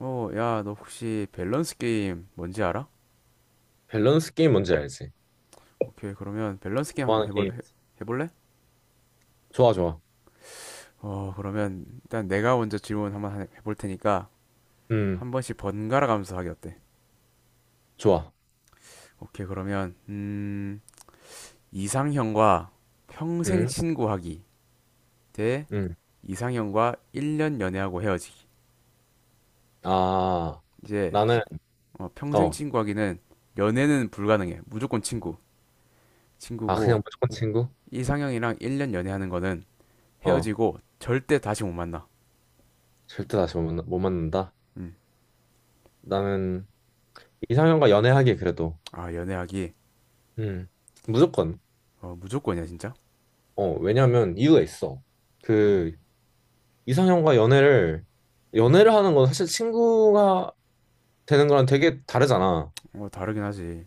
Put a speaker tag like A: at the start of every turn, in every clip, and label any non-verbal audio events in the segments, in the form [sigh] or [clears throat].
A: 야, 너 혹시 밸런스 게임 뭔지 알아?
B: 밸런스 게임 뭔지 알지?
A: 오케이, 그러면 밸런스 게임 한번
B: 좋아하는 게임.
A: 해볼래?
B: 좋아, 좋아.
A: 그러면 일단 내가 먼저 질문 한번 해볼 테니까
B: 음,
A: 한 번씩 번갈아 가면서 하기 어때?
B: 좋아.
A: 오케이, 그러면, 이상형과 평생
B: 음,
A: 친구하기 대
B: 음.
A: 이상형과 1년 연애하고 헤어지기.
B: 아,
A: 이제
B: 나는,
A: 평생
B: 어,
A: 친구하기는 연애는 불가능해. 무조건 친구.
B: 아, 그냥
A: 친구고,
B: 무조건 친구?
A: 이상형이랑 1년 연애하는 거는
B: 어,
A: 헤어지고 절대 다시 못 만나.
B: 절대 다시 못, 만나, 못 만난다.
A: 음.
B: 나는 이상형과 연애하기 그래도,
A: 아, 연애하기.
B: 음, 무조건.
A: 어, 무조건이야, 진짜?
B: 어, 왜냐면 이유가 있어. 그, 이상형과 연애를 하는 건 사실 친구가 되는 거랑 되게 다르잖아.
A: 어, 다르긴 하지.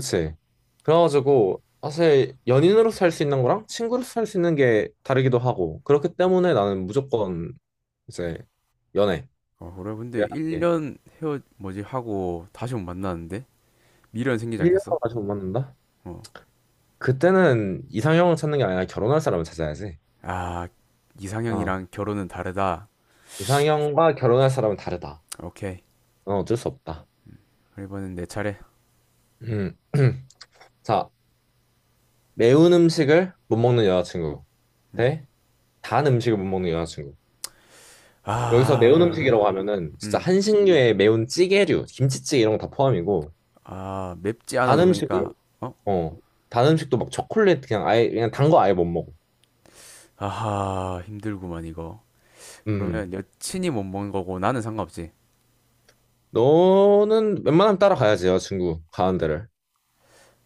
B: 그치. 그래가지고 사실 연인으로서 할 수 있는 거랑 친구로서 할 수 있는 게 다르기도 하고 그렇기 때문에 나는 무조건 이제 연애
A: 어, 그래. 근데
B: 를 하는 게
A: 1년 뭐지, 하고 다시 못 만나는데? 미련 생기지
B: 1년
A: 않겠어?
B: 동안 다시 못 만난다?
A: 어.
B: 그때는 이상형을 찾는 게 아니라 결혼할 사람을 찾아야지.
A: 아,
B: 어.
A: 이상형이랑 결혼은 다르다.
B: 이상형과 결혼할 사람은 다르다.
A: 오케이.
B: 어, 어쩔 수 없다.
A: 이번엔 내 차례.
B: 음. [clears throat] 자, 매운 음식을 못 먹는 여자친구
A: 음.
B: 대 단 음식을 못 먹는 여자친구. 여기서 매운
A: 아,
B: 음식이라고 하면은 진짜
A: 음.
B: 한식류의 매운 찌개류, 김치찌개 이런 거 다 포함이고
A: 아, 맵지
B: 단
A: 않아도 그러니까,
B: 음식은
A: 어?
B: 어. 단 음식도 막 초콜릿 그냥 아예 그냥 단 거 아예 못 먹어.
A: 아하, 힘들구만, 이거.
B: 음.
A: 그러면 여친이 못 먹는 거고 나는 상관없지.
B: 너는 웬만하면 따라가야지 여자친구 가는 데를.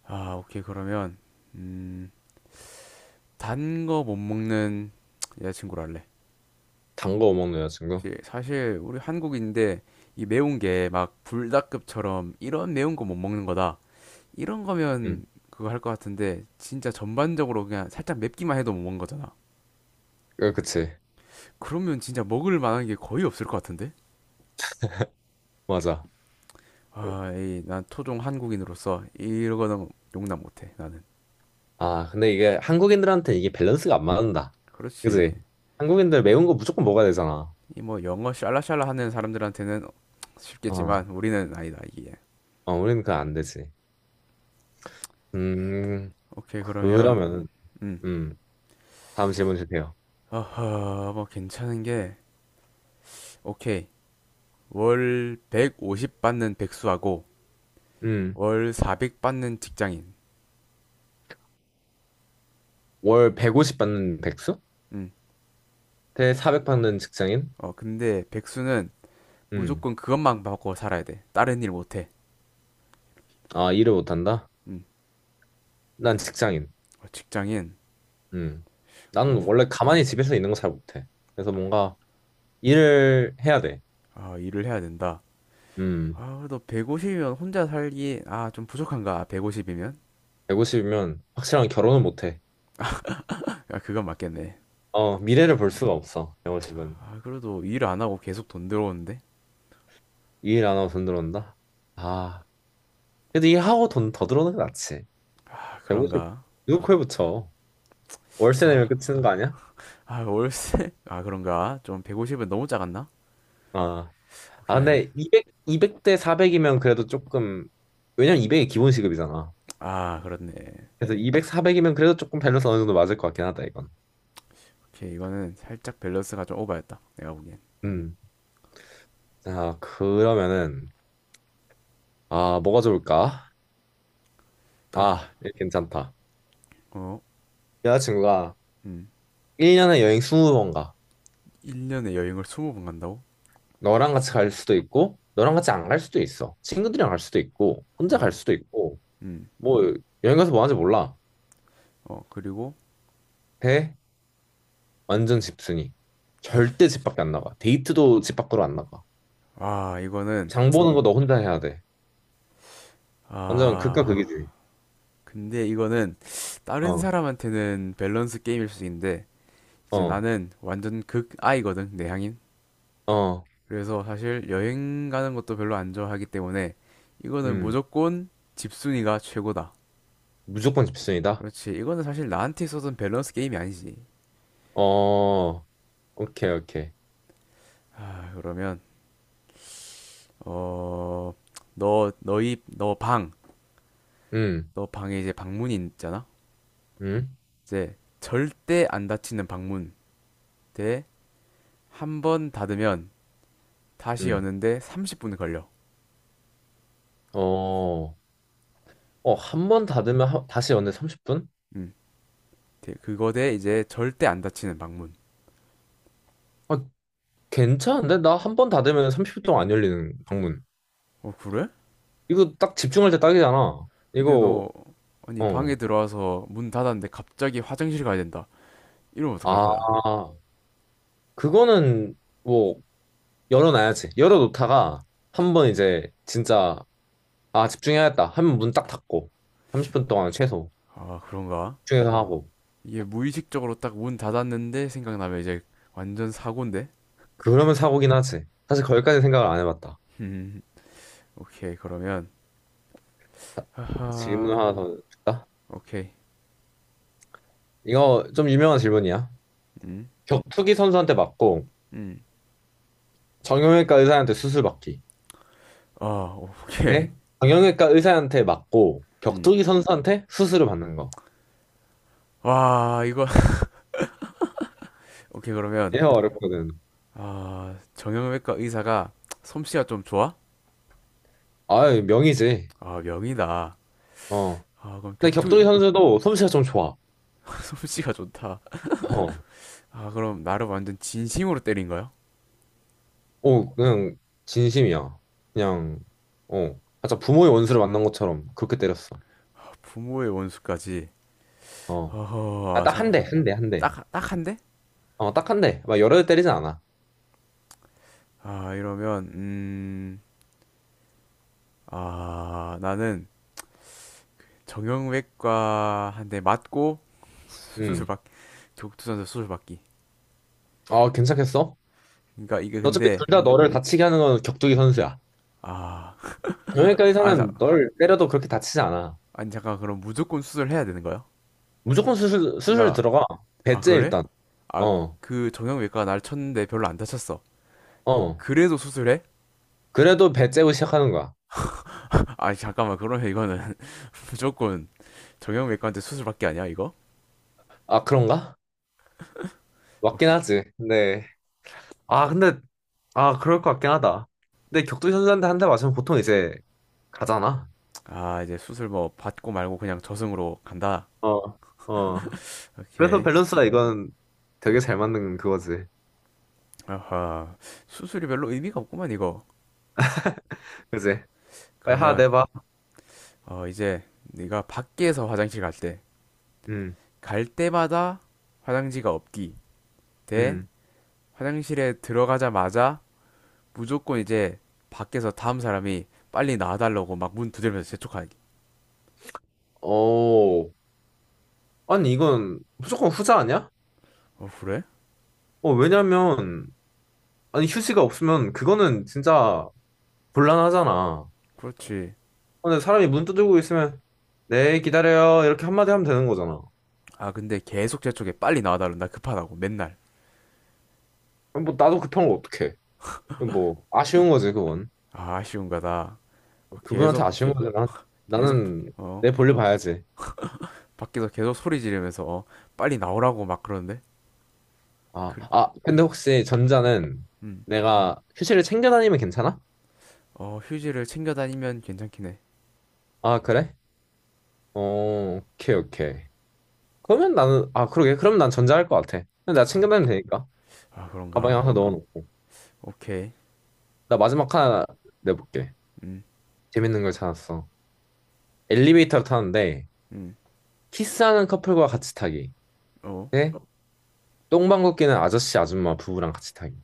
A: 아, 오케이. 그러면, 음, 단 거 못 먹는 여자친구로 할래.
B: 단 거 못 먹는 여자친구.
A: 그치. 사실 우리 한국인데 이 매운 게 막 불닭급처럼 이런 매운 거 못 먹는 거다. 이런
B: 음.
A: 거면 그거 할 것 같은데 진짜 전반적으로 그냥 살짝 맵기만 해도 못 먹는 거잖아.
B: 그치.
A: 그러면 진짜 먹을 만한 게 거의 없을 것 같은데?
B: 맞아.
A: 아, 난 토종 한국인으로서 이거는 용납 못해, 나는.
B: 아 근데 이게 한국인들한테 이게 밸런스가 안 맞는다. 그치?
A: 그렇지.
B: 한국인들 매운 거 무조건 먹어야 되잖아.
A: 이 뭐 영어 샬라샬라 하는 사람들한테는
B: 어.
A: 쉽겠지만 우리는 아니다, 이게.
B: 어 우리는 그거 안 되지. 음.
A: 오케이, 그러면,
B: 그러면은
A: 음.
B: 음. 다음 질문 주세요.
A: 어허, 뭐 괜찮은 게, 오케이. 월 150 받는 백수하고
B: 음.
A: 월 400 받는 직장인.
B: 월 150 받는 백수?
A: 음.
B: 대 400 받는 직장인?
A: 어, 근데 백수는
B: 음.
A: 무조건 그것만 받고 살아야 돼. 다른 일 못 해.
B: 아 일을 못한다?
A: 음.
B: 난 직장인.
A: 어, 직장인.
B: 음. 나는
A: 어,
B: 원래 가만히 집에서 있는 거 잘 못해. 그래서 뭔가 일을 해야 돼.
A: 아, 일을 해야 된다.
B: 음.
A: 아, 그래도 150이면 혼자 살기, 좀 부족한가, 150이면?
B: 150이면 확실한 결혼은 못해.
A: 야, 그건 맞겠네.
B: 어, 미래를 볼 수가 없어. 150은.
A: 아, 그래도 일 안 하고 계속 돈 들어오는데?
B: 일 안 하고 돈 들어온다? 아. 그래도 일하고 돈 더 들어오는 게 낫지.
A: 아,
B: 150
A: 그런가?
B: 누구 코에 붙여. 월세 내면
A: 아,
B: 끝이는 거 아니야?
A: 아, 월세? 아, 그런가? 좀 150은 너무 작았나?
B: 아. 아,
A: 오케이,
B: 근데 200, 백대 400이면 그래도 조금, 왜냐면 200이 기본 시급이잖아.
A: 그렇네.
B: 그래서 200, 400이면 그래도 조금 밸런스 어느 정도 맞을 것 같긴 하다, 이건.
A: 오케이, 이거는 살짝 밸런스가 좀 오바였다, 내가 보기엔.
B: 음. 자, 그러면은, 아, 뭐가 좋을까?
A: 어,
B: 아, 이거 괜찮다.
A: 어,
B: 여자친구가
A: 음,
B: 1년에 여행 20번 가.
A: 1년에 여행을 20번 간다고?
B: 너랑 같이 갈 수도 있고, 너랑 같이 안 갈 수도 있어. 친구들이랑 갈 수도 있고, 혼자
A: 어,
B: 갈 수도 있고,
A: 음,
B: 뭐, 여행 가서 뭐 하는지 몰라.
A: 어, 그리고,
B: 대, 완전 집순이. 절대 집 밖에 안 나가. 데이트도 집 밖으로 안 나가.
A: 아 이거는
B: 장 보는 거 너 혼자 해야 돼. 완전 극과
A: 아
B: 극이지.
A: 근데 이거는 다른
B: 어,
A: 사람한테는 밸런스 게임일 수 있는데 이제
B: 어,
A: 나는 완전 극아이거든, 내향인.
B: 어,
A: 그래서 사실 여행 가는 것도 별로 안 좋아하기 때문에 이거는
B: 음.
A: 무조건 집순이가 최고다.
B: 무조건 집순이다?
A: 그렇지, 이거는 사실 나한테 있어서는 밸런스 게임이 아니지.
B: 어, 오케이, 오케이.
A: 아, 그러면, 어, 너, 너희, 너 방,
B: 음,
A: 너 방에 이제 방문이 있잖아?
B: 음.
A: 이제 절대 안 닫히는 방문. 대, 한 번 닫으면 다시
B: 음.
A: 여는데 30분 걸려.
B: 어, 어, 한 번 닫으면 다시 연애 30분?
A: 음, 그거 대 이제 절대 안 닫히는 방문.
B: 아, 괜찮은데? 나 한 번 닫으면 30분 동안 안 열리는 방문.
A: 어, 그래?
B: 이거 딱 집중할 때 딱이잖아.
A: 근데
B: 이거,
A: 아니,
B: 어.
A: 방에 들어와서 문 닫았는데 갑자기 화장실 가야 된다. 이러면 어떡할
B: 아,
A: 거야?
B: 그거는 뭐, 열어놔야지. 열어놓다가 한 번 이제 진짜, 아, 집중해야겠다. 하면 문 딱 닫고. 30분 동안 최소
A: 아, 그런가?
B: 집중해서 하고.
A: 이게 무의식적으로 딱 문 닫았는데 생각나면 이제 완전 사고인데?
B: 그러면 사고긴 하지. 사실 거기까지 생각을 안 해봤다.
A: [laughs] 음, 오케이, 그러면,
B: 자, 질문
A: 하하,
B: 하나 더 줄까?
A: 오케이.
B: 이거 좀 유명한 질문이야.
A: 음,
B: 격투기 선수한테 맞고,
A: 음,
B: 정형외과 의사한테 수술 받기.
A: 아, 오케이.
B: 네? 정형외과 의사한테 맞고
A: 음.
B: 격투기 선수한테 수술을 받는 거.
A: 와, 이거, [laughs] 오케이, 그러면,
B: 얘가 어렵거든.
A: 아, 정형외과 의사가 솜씨가 좀 좋아?
B: 아유, 명이지.
A: 아, 명이다.
B: 어.
A: 아, 그럼
B: 근데 격투기
A: 격투,
B: 선수도 솜씨가 좀 좋아.
A: [laughs] 솜씨가 좋다.
B: 어.
A: 아, 그럼 나를 완전 진심으로 때린 거야?
B: 어, 그냥 진심이야. 그냥 어. 맞아, 부모의 원수를 만난 것처럼 그렇게 때렸어.
A: 아, 부모의 원수까지.
B: 어. 아,
A: 어허, 아,
B: 딱 한
A: 잠깐,
B: 대, 한 대, 한 대.
A: 딱, 딱 한데?
B: 어, 딱 한 대. 막 여러 대 때리진 않아.
A: 아, 이러면, 나는 정형외과 한 대 맞고 [laughs] 수술
B: 음.
A: 받기, 격투선수 수술 받기.
B: 아, 괜찮겠어?
A: 그러니까 이게
B: 어차피 둘
A: 근데,
B: 다 너를 다치게 하는 건 격투기 선수야.
A: 아,
B: 정형외과
A: 아, 자,
B: 의사는 널 때려도 그렇게 다치지 않아.
A: 아니 잠깐 그럼 무조건 수술해야 되는 거야?
B: 무조건 수술, 수술
A: 그러니까,
B: 들어가.
A: 아,
B: 배째
A: 그래?
B: 일단.
A: 아,
B: 어,
A: 그 정형외과가 날 쳤는데 별로 안 다쳤어.
B: 어.
A: 그래도 수술해?
B: 그래도 배째고 시작하는 거야.
A: 아, 잠깐만, 그러면 이거는 [laughs] 무조건 정형외과한테 수술밖에 아니야, 이거?
B: 아, 그런가? 맞긴
A: 오케이.
B: 하지. 네. 아, 근데, 아, 그럴 것 같긴 하다. 근데 격투 선수한테 한 대 맞으면 보통 이제 가잖아.
A: 아, 이제 수술 뭐 받고 말고 그냥 저승으로 간다.
B: 어, 어. 그래서
A: 오케이.
B: 밸런스가 이건 되게 잘 맞는 그거지.
A: 아하, 수술이 별로 의미가 없구만, 이거.
B: 그지? 빨리 하나
A: 그러면,
B: 내봐.
A: 어, 이제 네가 밖에서 화장실
B: 음,
A: 갈 때마다 화장지가 없기 대
B: 음.
A: 화장실에 들어가자마자 무조건 이제 밖에서 다음 사람이 빨리 나와달라고 막 문 두드리면서 재촉하기.
B: 오. 아니, 이건 무조건 후자 아니야?
A: 어, 그래?
B: 어, 왜냐면, 아니, 휴지가 없으면 그거는 진짜 곤란하잖아.
A: 그렇지.
B: 근데 사람이 문 두드리고 있으면 네 기다려요 이렇게 한마디 하면 되는 거잖아.
A: 아, 근데 계속 재촉해. 빨리 나와달라. 나 급하다고. 맨날.
B: 그럼 뭐 나도 급한 걸 어떡해. 그럼 뭐 아쉬운 거지 그건.
A: 아, 아쉬운 거다. 어,
B: 그분한테 아쉬운 거지. 난,
A: 계속,
B: 나는
A: 어,
B: 내 볼일 봐야지.
A: 밖에서 계속 소리 지르면서, 어, 빨리 나오라고 막 그러는데?
B: 아,
A: 그래.
B: 근데 혹시 전자는
A: 음.
B: 내가 휴지를 챙겨 다니면 괜찮아?
A: 어, 휴지를 챙겨 다니면 괜찮긴 해.
B: 아 그래? 어 오케이 오케이. 그러면 나는 아 그러게 그럼 난 전자 할 것 같아. 근데 내가 챙겨
A: 아,
B: 다니면 되니까
A: 아,
B: 가방에
A: 그런가?
B: 항상 넣어놓고.
A: 오케이.
B: 나 마지막 하나 내볼게.
A: 음,
B: 재밌는 걸 찾았어. 엘리베이터를 타는데
A: 음,
B: 키스하는 커플과 같이 타기.
A: 어.
B: 네? 똥방 걷기는 아저씨 아줌마 부부랑 같이 타기.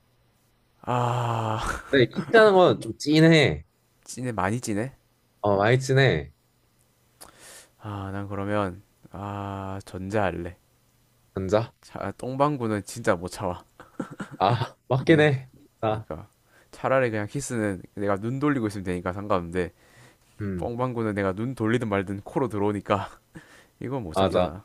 A: 아, [laughs]
B: 근데 키스하는 건 좀 찐해.
A: 찐해, 많이 찐해?
B: 어, 많이 찐해.
A: 아, 난 그러면, 전자할래.
B: 남자?
A: 자, 똥방구는 진짜 못 참아.
B: 아, [laughs] 맞긴
A: 네,
B: 해. 아,
A: 그러니까 차라리 그냥 키스는 내가 눈 돌리고 있으면 되니까 상관없는데
B: 음,
A: 뻥방구는 내가 눈 돌리든 말든 코로 들어오니까 [laughs] 이건 못
B: 맞아.
A: 참잖아.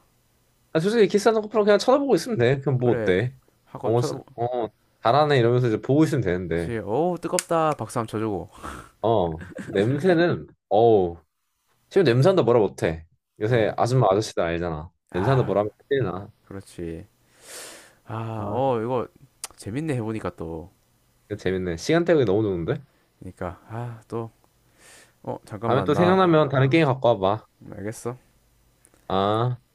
B: 아, 솔직히 키스하는 커플은 그냥 쳐다보고 있으면 돼. 그럼 뭐
A: 그래,
B: 어때?
A: 하고
B: 어, 씨,
A: 쳐다보.
B: 어, 잘하네 이러면서 이제 보고 있으면 되는데.
A: 그렇지. 오, 뜨겁다. 박수 한번 쳐주고.
B: 어, 냄새는, 어우, 지금 냄새한다 뭐라 못해. 요새
A: 그러니까,
B: 아줌마 아저씨들 알잖아. 냄새한다 뭐라
A: 아,
B: 하면 큰일 나.
A: 그렇지.
B: 아,
A: 이거 재밌네, 해보니까 또.
B: 재밌네. 시간 때우기 너무 좋은데?
A: 그러니까, 아, 또, 어,
B: 다음에
A: 잠깐만,
B: 또
A: 나.
B: 생각나면 다른 게임 갖고 와봐.
A: 알겠어.
B: 아.